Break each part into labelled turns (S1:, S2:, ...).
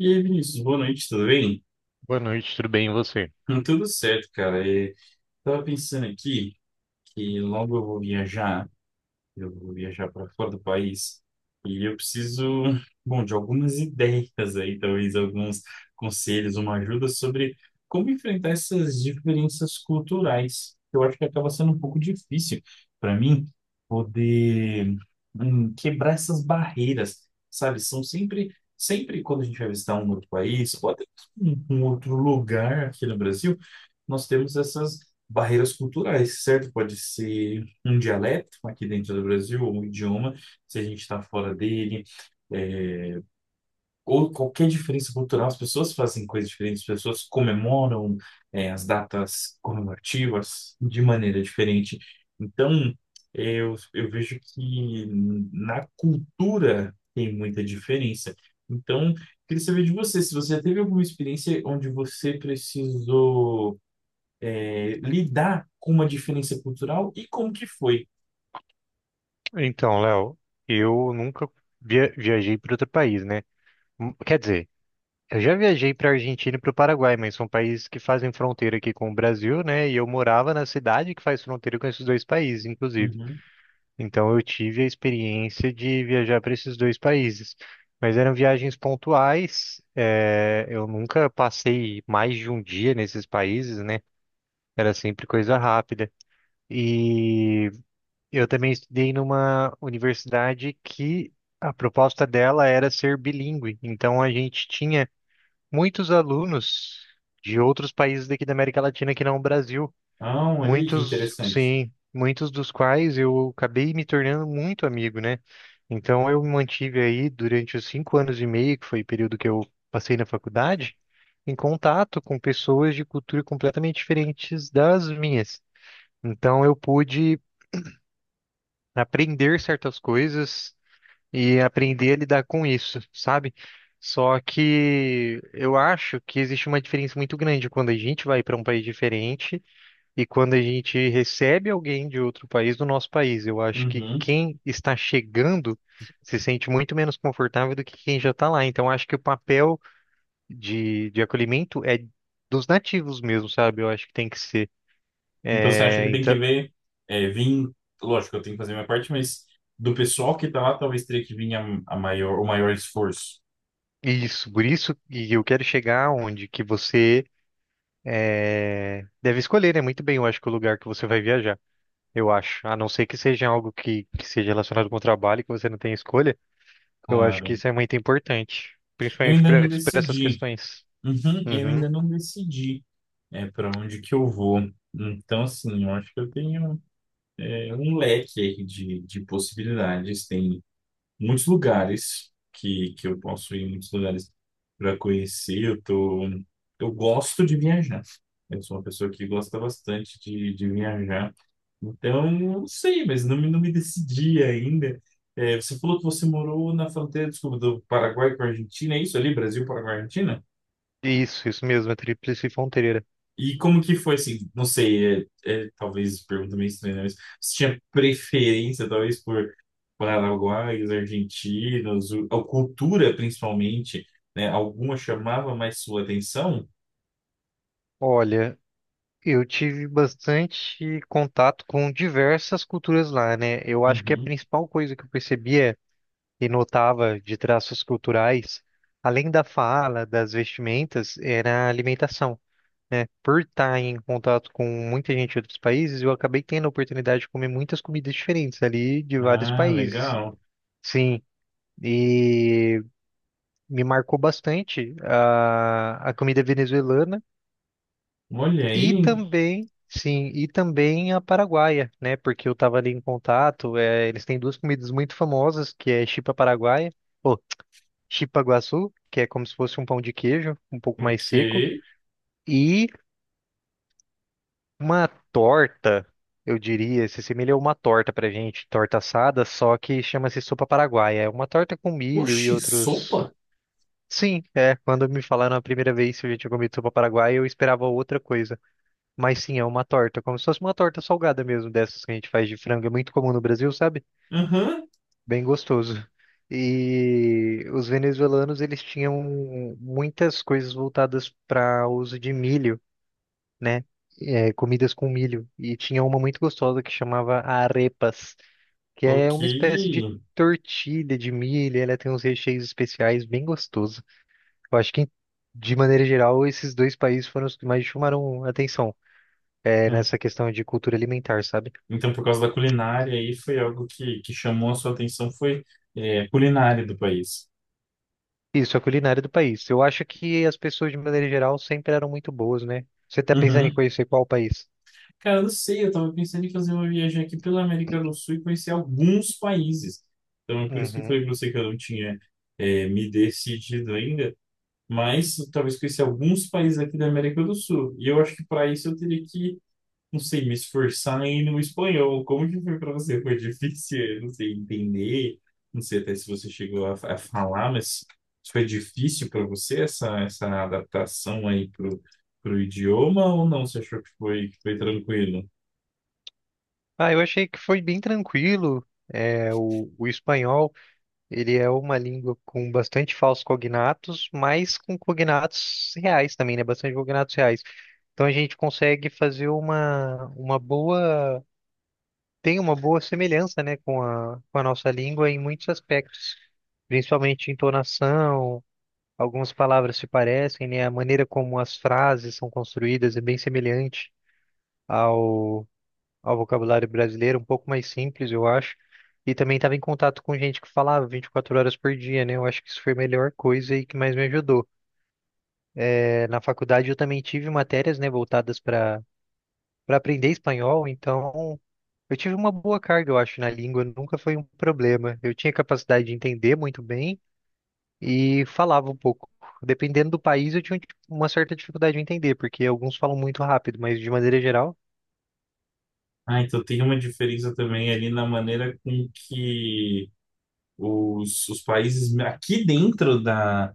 S1: E aí, Vinícius, boa noite, tudo bem?
S2: Boa noite, tudo bem e você?
S1: Tudo certo, cara. E tava pensando aqui que logo eu vou viajar, eu vou viajar para fora do país, e eu preciso, bom, de algumas ideias aí, talvez alguns conselhos, uma ajuda sobre como enfrentar essas diferenças culturais. Eu acho que acaba sendo um pouco difícil para mim poder quebrar essas barreiras, sabe? São sempre quando a gente vai visitar um outro país, ou até um outro lugar aqui no Brasil, nós temos essas barreiras culturais, certo? Pode ser um dialeto aqui dentro do Brasil, ou um idioma, se a gente está fora dele, é, ou qualquer diferença cultural. As pessoas fazem coisas diferentes, as pessoas comemoram, as datas comemorativas de maneira diferente. Então, eu vejo que na cultura tem muita diferença. Então, queria saber de você, se você teve alguma experiência onde você precisou lidar com uma diferença cultural, e como que foi?
S2: Então, Léo, eu nunca viajei para outro país, né? Quer dizer, eu já viajei para Argentina e para o Paraguai, mas são países que fazem fronteira aqui com o Brasil, né? E eu morava na cidade que faz fronteira com esses dois países, inclusive.
S1: Uhum.
S2: Então, eu tive a experiência de viajar para esses dois países, mas eram viagens pontuais. Eu nunca passei mais de um dia nesses países, né? Era sempre coisa rápida. E eu também estudei numa universidade que a proposta dela era ser bilíngue. Então a gente tinha muitos alunos de outros países daqui da América Latina que não o Brasil.
S1: Ah, olha aí que
S2: Muitos,
S1: interessante.
S2: sim, muitos dos quais eu acabei me tornando muito amigo, né? Então eu me mantive aí durante os 5 anos e meio, que foi o período que eu passei na faculdade, em contato com pessoas de cultura completamente diferentes das minhas. Então eu pude aprender certas coisas e aprender a lidar com isso, sabe? Só que eu acho que existe uma diferença muito grande quando a gente vai para um país diferente e quando a gente recebe alguém de outro país do nosso país. Eu acho que
S1: Uhum.
S2: quem está chegando se sente muito menos confortável do que quem já está lá. Então, eu acho que o papel de acolhimento é dos nativos mesmo, sabe? Eu acho que tem que ser.
S1: Então você acha
S2: É,
S1: que tem que
S2: então,
S1: ver, é, vir, lógico, eu tenho que fazer minha parte, mas do pessoal que tá lá, talvez teria que vir o maior esforço.
S2: isso, por isso, e eu quero chegar onde que você é, deve escolher, né? Muito bem, eu acho que o lugar que você vai viajar. Eu acho. A não ser que seja algo que seja relacionado com o trabalho, que você não tem escolha, eu acho que
S1: Claro.
S2: isso é muito importante.
S1: Eu
S2: Principalmente
S1: ainda
S2: para
S1: não
S2: essas
S1: decidi.
S2: questões.
S1: Uhum, eu
S2: Uhum.
S1: ainda não decidi. Para onde que eu vou. Então, assim, eu acho que eu tenho, um leque aí de possibilidades. Tem muitos lugares que eu posso ir, muitos lugares para conhecer. Eu gosto de viajar. Eu sou uma pessoa que gosta bastante de viajar. Então, eu não sei, mas não me decidi ainda. É, você falou que você morou na fronteira, desculpa, do Paraguai com a Argentina, é isso ali? Brasil, Paraguai, Argentina?
S2: Isso mesmo, a Tríplice Fronteira.
S1: E como que foi, assim, não sei, talvez pergunta meio estranha, né, mas você tinha preferência, talvez, por paraguaios, argentinos, a cultura, principalmente, né? Alguma chamava mais sua atenção?
S2: Olha, eu tive bastante contato com diversas culturas lá, né? Eu acho que a
S1: Uhum.
S2: principal coisa que eu percebia e notava de traços culturais, além da fala, das vestimentas, era a alimentação, né? Por estar em contato com muita gente de outros países, eu acabei tendo a oportunidade de comer muitas comidas diferentes ali de vários
S1: Ah,
S2: países.
S1: legal.
S2: Sim, e me marcou bastante a comida venezuelana
S1: Olha
S2: e
S1: aí,
S2: também, sim, e também a paraguaia, né? Porque eu estava ali em contato, é, eles têm duas comidas muito famosas, que é chipa paraguaia, ou chipa guaçu, que é como se fosse um pão de queijo, um pouco mais seco,
S1: ok.
S2: e uma torta, eu diria, se assemelha a uma torta pra gente, torta assada, só que chama-se sopa paraguaia. É uma torta com milho e
S1: Oxi, sopa?
S2: outros. Sim, é. Quando me falaram a primeira vez se a gente tinha comido sopa paraguaia, eu esperava outra coisa. Mas sim, é uma torta, como se fosse uma torta salgada mesmo, dessas que a gente faz de frango. É muito comum no Brasil, sabe?
S1: Uhum.
S2: Bem gostoso. E os venezuelanos, eles tinham muitas coisas voltadas para uso de milho, né? É, comidas com milho. E tinha uma muito gostosa que chamava arepas, que é
S1: Ok.
S2: uma espécie de tortilha de milho. E ela tem uns recheios especiais bem gostoso. Eu acho que, de maneira geral, esses dois países foram os que mais chamaram atenção, é,
S1: Hum.
S2: nessa questão de cultura alimentar, sabe?
S1: Então, por causa da culinária aí, foi algo que chamou a sua atenção, foi, a culinária do país.
S2: Isso, a culinária do país. Eu acho que as pessoas, de maneira geral, sempre eram muito boas, né? Você tá pensando em
S1: Uhum.
S2: conhecer qual país?
S1: Cara, eu não sei, eu tava pensando em fazer uma viagem aqui pela América do Sul e conhecer alguns países. Então, é por isso que eu
S2: Uhum.
S1: falei pra você que eu não tinha me decidido ainda, mas talvez conhecer alguns países aqui da América do Sul. E eu acho que para isso eu teria que, não sei, me esforçar em ir no espanhol. Como que foi para você? Foi difícil, eu não sei, entender, não sei até se você chegou a falar, mas foi difícil para você essa adaptação aí pro idioma, ou não? Você achou que foi tranquilo?
S2: Ah, eu achei que foi bem tranquilo. É, o espanhol. Ele é uma língua com bastante falsos cognatos, mas com cognatos reais também, né? Bastante cognatos reais. Então a gente consegue fazer uma boa. Tem uma boa semelhança, né, com a nossa língua em muitos aspectos, principalmente entonação, algumas palavras se parecem, né? A maneira como as frases são construídas é bem semelhante ao vocabulário brasileiro, um pouco mais simples, eu acho. E também estava em contato com gente que falava 24 horas por dia, né? Eu acho que isso foi a melhor coisa e que mais me ajudou. É, na faculdade eu também tive matérias, né, voltadas para aprender espanhol, então eu tive uma boa carga, eu acho, na língua, nunca foi um problema. Eu tinha capacidade de entender muito bem e falava um pouco. Dependendo do país, eu tinha tipo, uma certa dificuldade de entender, porque alguns falam muito rápido, mas de maneira geral.
S1: Ah, então tem uma diferença também ali na maneira com que os países aqui dentro da,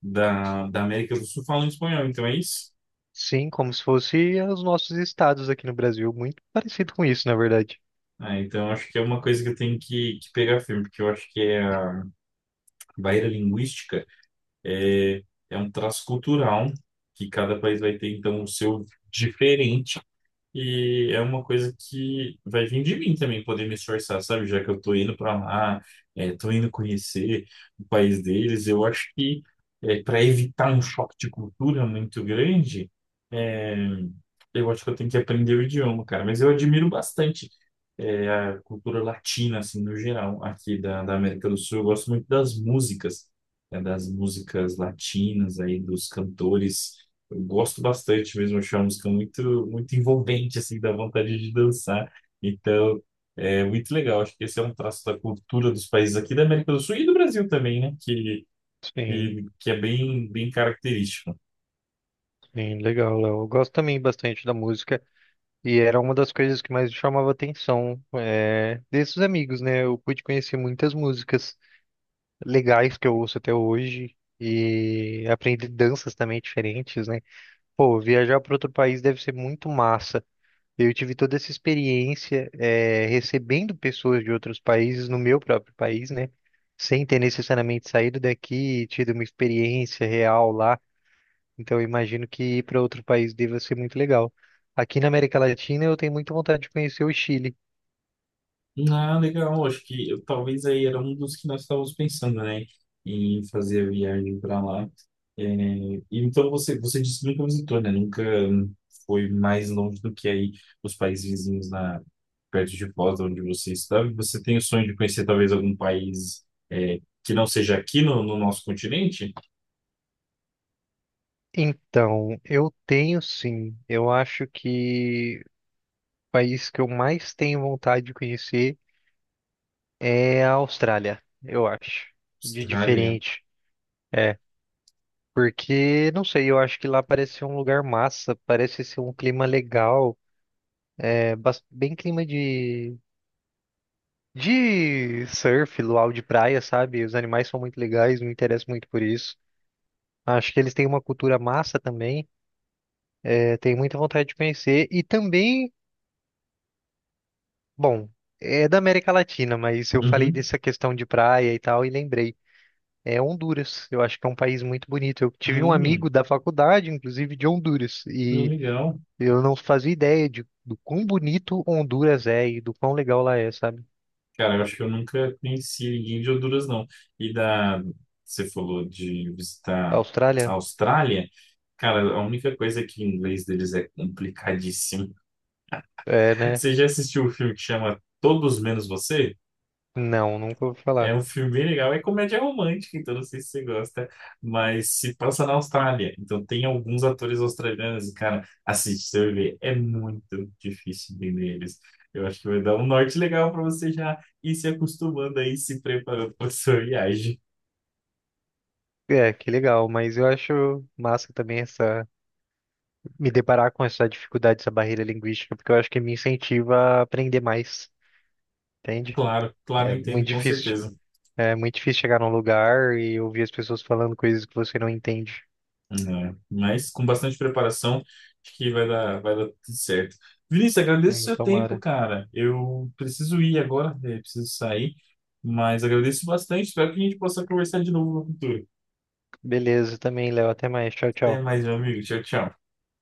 S1: da, da América do Sul falam espanhol, então é isso?
S2: Sim, como se fosse os nossos estados aqui no Brasil, muito parecido com isso, na verdade.
S1: Ah, então acho que é uma coisa que eu tenho que pegar firme, porque eu acho que é a barreira linguística, é, é um traço cultural que cada país vai ter, então, o seu diferente. E é uma coisa que vai vir de mim também poder me esforçar, sabe? Já que eu tô indo para lá, tô indo conhecer o país deles, eu acho que para evitar um choque de cultura muito grande, é, eu acho que eu tenho que aprender o idioma, cara. Mas eu admiro bastante, a cultura latina, assim, no geral, aqui da América do Sul. Eu gosto muito das músicas, né, das músicas latinas aí, dos cantores, eu gosto bastante mesmo, acho uma música muito envolvente, assim, dá vontade de dançar. Então, é muito legal. Acho que esse é um traço da cultura dos países aqui da América do Sul e do Brasil também, né?
S2: Sim,
S1: Que é bem característico.
S2: sim, legal, Léo. Eu gosto também bastante da música e era uma das coisas que mais chamava atenção é, desses amigos, né? Eu pude conhecer muitas músicas legais que eu ouço até hoje e aprendi danças também diferentes, né? Pô, viajar para outro país deve ser muito massa. Eu tive toda essa experiência, recebendo pessoas de outros países no meu próprio país, né? Sem ter necessariamente saído daqui e tido uma experiência real lá. Então, eu imagino que ir para outro país deva ser muito legal. Aqui na América Latina, eu tenho muita vontade de conhecer o Chile.
S1: Ah, legal. Acho que talvez aí era um dos que nós estávamos pensando, né? Em fazer a viagem para lá. É, e então, você disse que nunca visitou, né? Nunca foi mais longe do que aí os países vizinhos na perto de Foz, onde você está, e você tem o sonho de conhecer talvez algum país é, que não seja aqui no, no nosso continente?
S2: Então, eu tenho sim. Eu acho que o país que eu mais tenho vontade de conhecer é a Austrália, eu acho. De
S1: Austrália.
S2: diferente. É, porque, não sei, eu acho que lá parece ser um lugar massa, parece ser um clima legal, é bem clima de surf, luau de praia, sabe? Os animais são muito legais, me interesso muito por isso. Acho que eles têm uma cultura massa também, é, tenho muita vontade de conhecer. E também, bom, é da América Latina, mas eu falei
S1: Uhum.
S2: dessa questão de praia e tal e lembrei. É Honduras, eu acho que é um país muito bonito. Eu tive um
S1: Hum,
S2: amigo da faculdade, inclusive de Honduras, e
S1: legal.
S2: eu não fazia ideia de, do quão bonito Honduras é e do quão legal lá é, sabe?
S1: Cara, eu acho que eu nunca conheci ninguém de Honduras, não. E da, você falou de visitar a
S2: Austrália?
S1: Austrália. Cara, a única coisa é que o inglês deles é complicadíssimo.
S2: É, né?
S1: Você já assistiu o filme que chama Todos Menos Você?
S2: Não, nunca ouvi
S1: É
S2: falar.
S1: um filme bem legal. É comédia romântica, então não sei se você gosta, mas se passa na Austrália. Então tem alguns atores australianos, e, cara, assiste, você vai ver. É muito difícil entender eles. Eu acho que vai dar um norte legal para você já ir se acostumando aí, se preparando para sua viagem.
S2: É, que legal, mas eu acho massa também essa, me deparar com essa dificuldade, essa barreira linguística, porque eu acho que me incentiva a aprender mais, entende?
S1: Claro, claro,
S2: É muito
S1: entendo, com
S2: difícil.
S1: certeza.
S2: É muito difícil chegar num lugar e ouvir as pessoas falando coisas que você não entende.
S1: Né? Mas com bastante preparação, acho que vai dar tudo certo. Vinícius, agradeço o seu tempo,
S2: Tomara.
S1: cara. Eu preciso ir agora, preciso sair, mas agradeço bastante. Espero que a gente possa conversar de novo no futuro.
S2: Beleza, também, Léo. Até mais. Tchau,
S1: Até
S2: tchau.
S1: mais, meu amigo. Tchau, tchau.